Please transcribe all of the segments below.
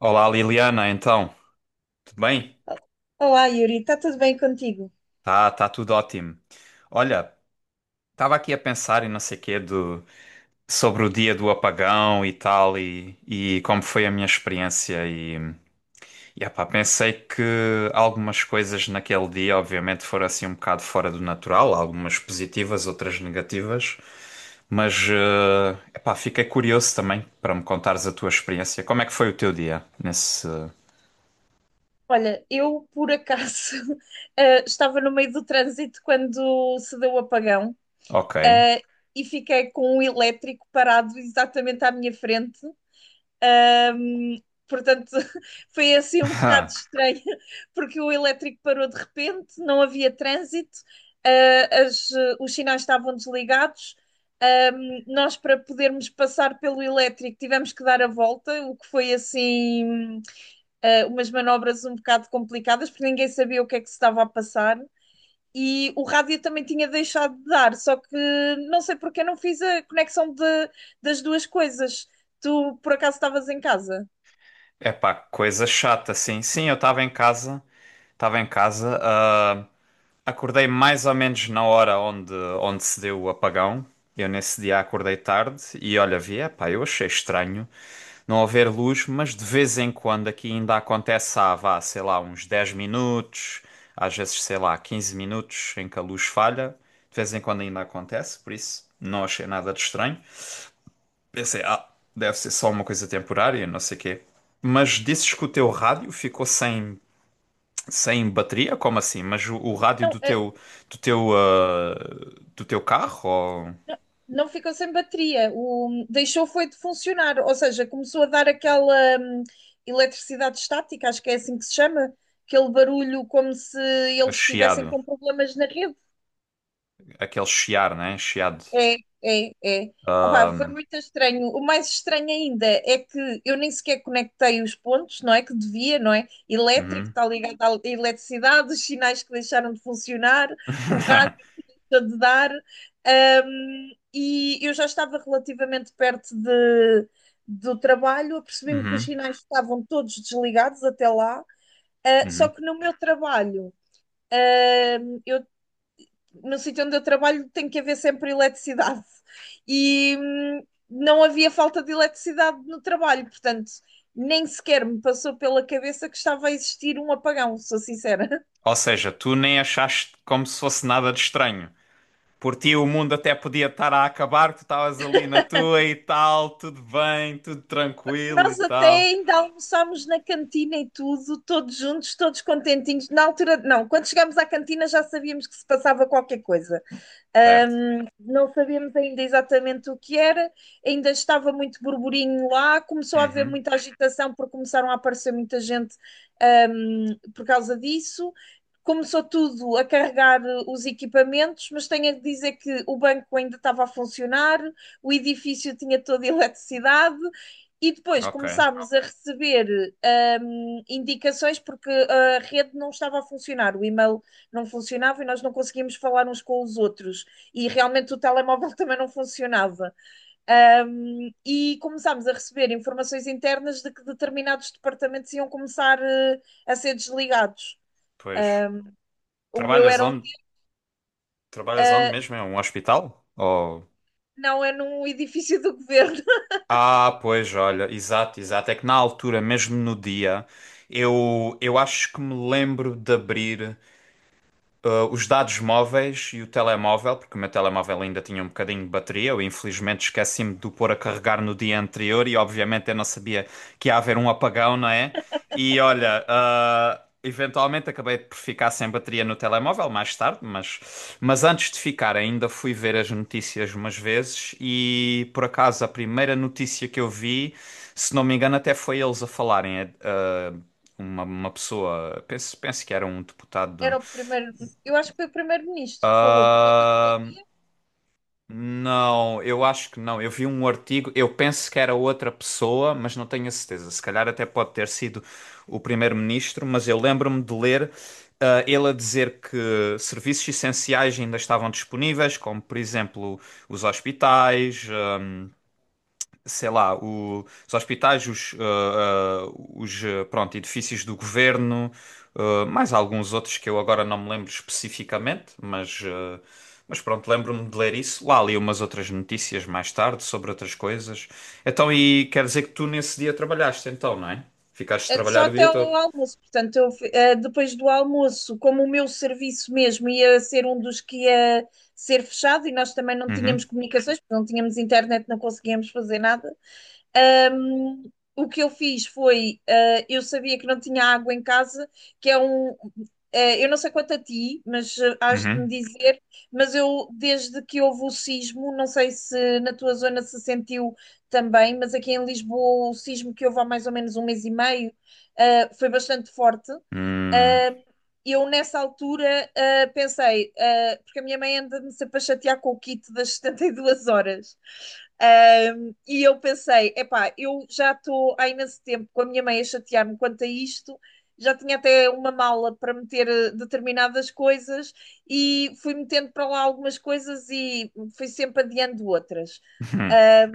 Olá Liliana, então, tudo bem? Olá, Yuri, está tudo bem contigo? Tá, tá tudo ótimo. Olha, estava aqui a pensar e não sei quê do, sobre o dia do apagão e tal e como foi a minha experiência e epá, pensei que algumas coisas naquele dia obviamente foram assim um bocado fora do natural, algumas positivas, outras negativas, mas epá, fiquei curioso também para me contares a tua experiência. Como é que foi o teu dia nesse. Olha, eu por acaso estava no meio do trânsito quando se deu o apagão, Ok. eh, e fiquei com um elétrico parado exatamente à minha frente. Ahm, Portanto, foi assim um bocado estranho, porque o elétrico parou de repente, não havia trânsito, os sinais estavam desligados. Nós, para podermos passar pelo elétrico, tivemos que dar a volta, o que foi assim, umas manobras um bocado complicadas, porque ninguém sabia o que é que se estava a passar e o rádio também tinha deixado de dar, só que não sei porque eu não fiz a conexão das duas coisas. Tu por acaso estavas em casa? É pá, coisa chata, sim. Sim, eu estava em casa, acordei mais ou menos na hora onde se deu o apagão. Eu nesse dia acordei tarde e olha, vi, é pá, eu achei estranho não haver luz, mas de vez em quando aqui ainda acontece há, vá, sei lá, uns 10 minutos, às vezes, sei lá, 15 minutos em que a luz falha. De vez em quando ainda acontece, por isso não achei nada de estranho. Pensei, deve ser só uma coisa temporária, não sei o quê. Mas dizes que o teu rádio ficou sem bateria? Como assim? Mas o rádio Não, do teu, ah, do teu carro? Ou não, não ficou sem bateria. O, deixou foi de funcionar, ou seja, começou a dar aquela hum, eletricidade estática, acho que é assim que se chama, aquele barulho como se é eles estivessem chiado? com problemas na rede. Aquele chiar, né? Chiado. É, é, é. Opa, foi muito estranho. O mais estranho ainda é que eu nem sequer conectei os pontos, não é? Que devia, não é? Elétrico, Uhum. está ligado à eletricidade, os sinais que deixaram de funcionar, o rádio está de dar. E eu já estava relativamente perto do trabalho, apercebi-me que os Uhum. sinais estavam todos desligados até lá, só Uhum. que no meu trabalho. Eu no sítio onde eu trabalho tem que haver sempre eletricidade. E não havia falta de eletricidade no trabalho, portanto, nem sequer me passou pela cabeça que estava a existir um apagão, sou sincera. Ou seja, tu nem achaste como se fosse nada de estranho. Por ti o mundo até podia estar a acabar, tu estavas ali na tua e tal, tudo bem, tudo tranquilo e Nós até tal. ainda almoçámos na cantina e tudo, todos juntos, todos contentinhos. Na altura, não, quando chegámos à cantina já sabíamos que se passava qualquer coisa. Ah, Certo. Portanto, não sabemos ainda exatamente o que era, ainda estava muito burburinho lá, começou a haver Uhum. muita agitação porque começaram a aparecer muita gente por causa disso. Começou tudo a carregar os equipamentos, mas tenho a dizer que o banco ainda estava a funcionar, o edifício tinha toda a eletricidade e depois Ok, começámos a receber indicações porque a rede não estava a funcionar, o e-mail não funcionava e nós não conseguíamos falar uns com os outros e realmente o telemóvel também não funcionava. E começámos a receber informações internas de que determinados departamentos iam começar a ser desligados. pois. Um, o meu Trabalhas era um. onde? Trabalhas onde Uh, mesmo? É um hospital? Ou. não, é num edifício do governo. Ah, pois, olha, exato, exato. É que na altura, mesmo no dia, eu acho que me lembro de abrir os dados móveis e o telemóvel, porque o meu telemóvel ainda tinha um bocadinho de bateria. Eu infelizmente esqueci-me de o pôr a carregar no dia anterior e obviamente eu não sabia que ia haver um apagão, não é? E olha, eventualmente acabei por ficar sem bateria no telemóvel mais tarde, mas antes de ficar ainda fui ver as notícias umas vezes e por acaso a primeira notícia que eu vi, se não me engano, até foi eles a falarem, uma pessoa, penso que era um deputado Era o primeiro. Eu acho que foi o primeiro-ministro que falou por volta do ah, meio-dia. não, eu acho que não. Eu vi um artigo, eu penso que era outra pessoa, mas não tenho a certeza. Se calhar até pode ter sido o primeiro-ministro, mas eu lembro-me de ler, ele a dizer que serviços essenciais ainda estavam disponíveis, como por exemplo os hospitais, sei lá, os hospitais, os, pronto, edifícios do governo, mais alguns outros que eu agora não me lembro especificamente, mas pronto, lembro-me de ler isso. Lá li umas outras notícias mais tarde sobre outras coisas. Então, e quer dizer que tu nesse dia trabalhaste então, não é? Ficaste a É, só trabalhar o até dia todo. o almoço. Portanto, eu, depois do almoço, como o meu serviço mesmo ia ser um dos que ia ser fechado e nós também não tínhamos Uhum, comunicações, porque não tínhamos internet, não conseguíamos fazer nada. Um, o que eu fiz foi, eu sabia que não tinha água em casa, que é um, eu não sei quanto a ti, mas hás de me uhum. dizer, mas eu, desde que houve o sismo, não sei se na tua zona se sentiu também, mas aqui em Lisboa o sismo que houve há mais ou menos 1 mês e meio, foi bastante forte. Hum, Eh, eu nessa altura pensei, porque a minha mãe anda-me sempre a chatear com o kit das 72 horas. Ah, e eu pensei, epá, eu já estou há imenso tempo com a minha mãe a chatear-me quanto a isto, já tinha até uma mala para meter determinadas coisas e fui metendo para lá algumas coisas e fui sempre adiando outras. Ah,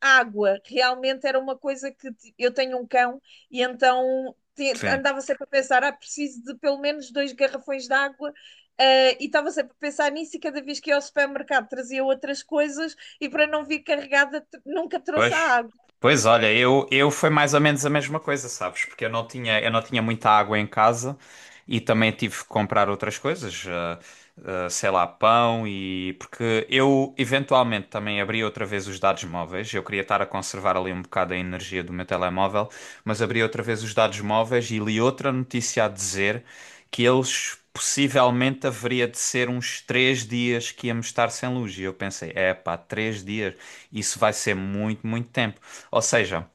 Água. Realmente era uma coisa eu tenho um cão e Sim. andava sempre a pensar, ah, preciso de pelo menos 2 garrafões de água. E estava sempre a pensar nisso e cada vez que ia ao supermercado trazia outras coisas e para não vir carregada nunca trouxe a Pois, água, pois olha, eu foi mais ou menos a mesma coisa, sabes? Porque eu não tinha muita água em casa e também tive que comprar outras coisas, sei lá, pão e. Porque eu eventualmente também abri outra vez os dados móveis, eu queria estar a conservar ali um bocado a energia do meu telemóvel mas abri outra vez os dados móveis e li outra notícia a dizer que eles possivelmente haveria de ser uns 3 dias que íamos estar sem luz. E eu pensei, é pá, 3 dias, isso vai ser muito, muito tempo. Ou seja,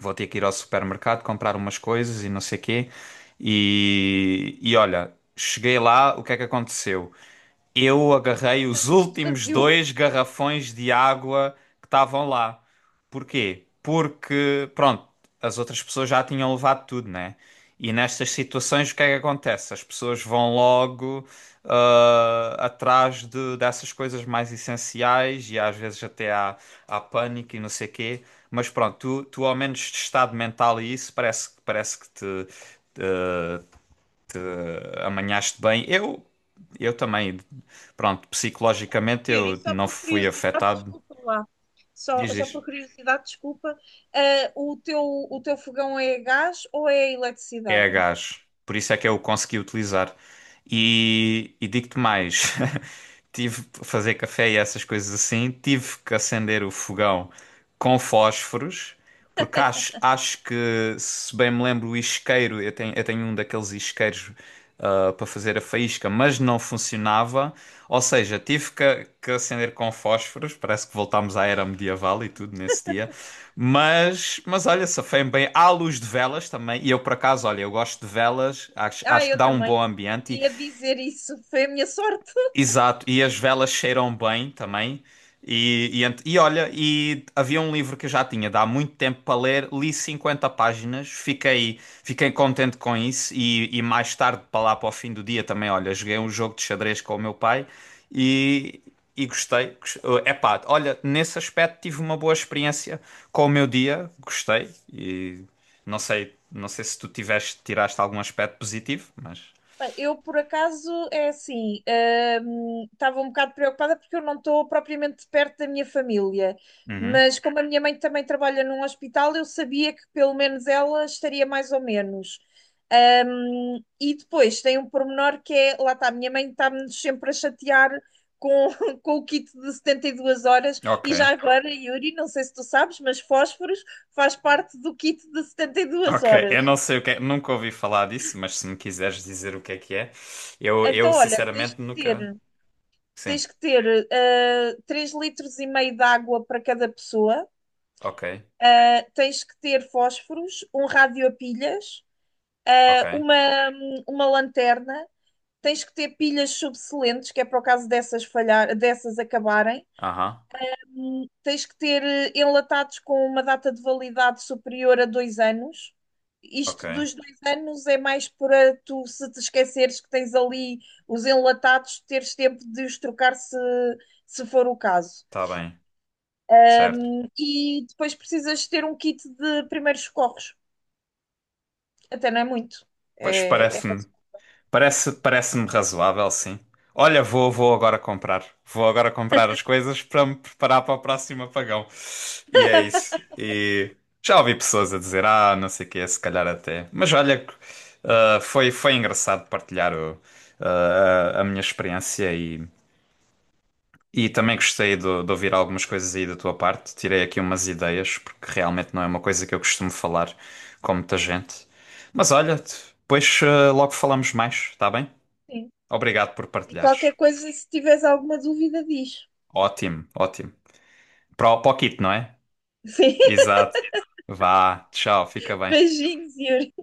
vou ter que ir ao supermercado comprar umas coisas e não sei quê. E olha, cheguei lá, o que é que aconteceu? Eu agarrei os estava tudo últimos vazio. dois garrafões de água que estavam lá. Porquê? Porque, pronto, as outras pessoas já tinham levado tudo, né? E nestas situações, o que é que acontece? As pessoas vão logo atrás dessas coisas mais essenciais e às vezes até há pânico e não sei quê. Mas pronto, tu ao menos de estado mental e isso parece que te amanhaste bem. Eu também, pronto, psicologicamente Yuri, e eu só não por fui curiosidade, afetado. desculpa lá, Diz, só diz. por curiosidade, desculpa, o teu fogão é a gás ou é a É a eletricidade? gás, por isso é que eu o consegui utilizar. E digo-te mais, tive para fazer café e essas coisas assim, tive que acender o fogão com fósforos, porque acho que, se bem me lembro, o isqueiro, eu tenho um daqueles isqueiros para fazer a faísca, mas não funcionava, ou seja, tive que acender com fósforos, parece que voltámos à era medieval e tudo nesse dia. Mas olha, safei-me bem. Há luz de velas também. E eu, por acaso, olha, eu gosto de velas. Acho, Ah, acho que eu dá um bom também. ambiente. Ia dizer isso. Foi a minha sorte. Exato, e as velas cheiram bem também. E olha, e havia um livro que eu já tinha de há muito tempo para ler, li 50 páginas, fiquei contente com isso. E mais tarde, para lá para o fim do dia, também, olha, joguei um jogo de xadrez com o meu pai e, e gostei. Epá, olha, nesse aspecto tive uma boa experiência com o meu dia, gostei. E não sei se tu tiraste algum aspecto positivo, mas. Bem, eu, por acaso, é assim, estava um bocado preocupada porque eu não estou propriamente perto da minha família, Uhum, mas como a minha mãe também trabalha num hospital, eu sabia que pelo menos ela estaria mais ou menos. E depois tem um pormenor que é, lá está, a minha mãe está-me sempre a chatear com, com o kit de 72 horas, e ok. já agora, Yuri, não sei se tu sabes, mas fósforos faz parte do kit de 72 Ok, horas. eu não sei o que é, nunca ouvi falar disso, mas se me quiseres dizer o que é, eu Então, olha, tens de sinceramente nunca. ter. Sim, Tens que ter 3 litros e meio de água para cada pessoa, ok, tens que ter fósforos, um rádio a pilhas, ok, ah, uma, uma lanterna, tens que ter pilhas subsolentes, que é para o caso dessas falhar, dessas acabarem. aham, Tens que ter enlatados com uma data de validade superior a 2 anos. ok, Isto dos 2 anos é mais para tu, se te esqueceres que tens ali os enlatados, teres tempo de os trocar se, se for o caso. tá bem, certo. E depois precisas ter um kit de primeiros socorros. Até não é muito. Pois É, é parece-me. Parece-me razoável, sim. Olha, vou agora comprar. Vou agora comprar as coisas para me preparar para o próximo apagão. E é isso. E já ouvi pessoas a dizer, não sei o que é se calhar até. Mas olha, foi engraçado partilhar a minha experiência e também gostei de ouvir algumas coisas aí da tua parte. Tirei aqui umas ideias, porque realmente não é uma coisa que eu costumo falar com muita gente. Mas olha, depois logo falamos mais, está bem? assim. Obrigado por E partilhares. qualquer coisa, se tiveres alguma dúvida, diz. Ótimo, ótimo. Para o kit, não é? Exato. Vá, tchau, Sim, fica bem. beijinhos, Yuri.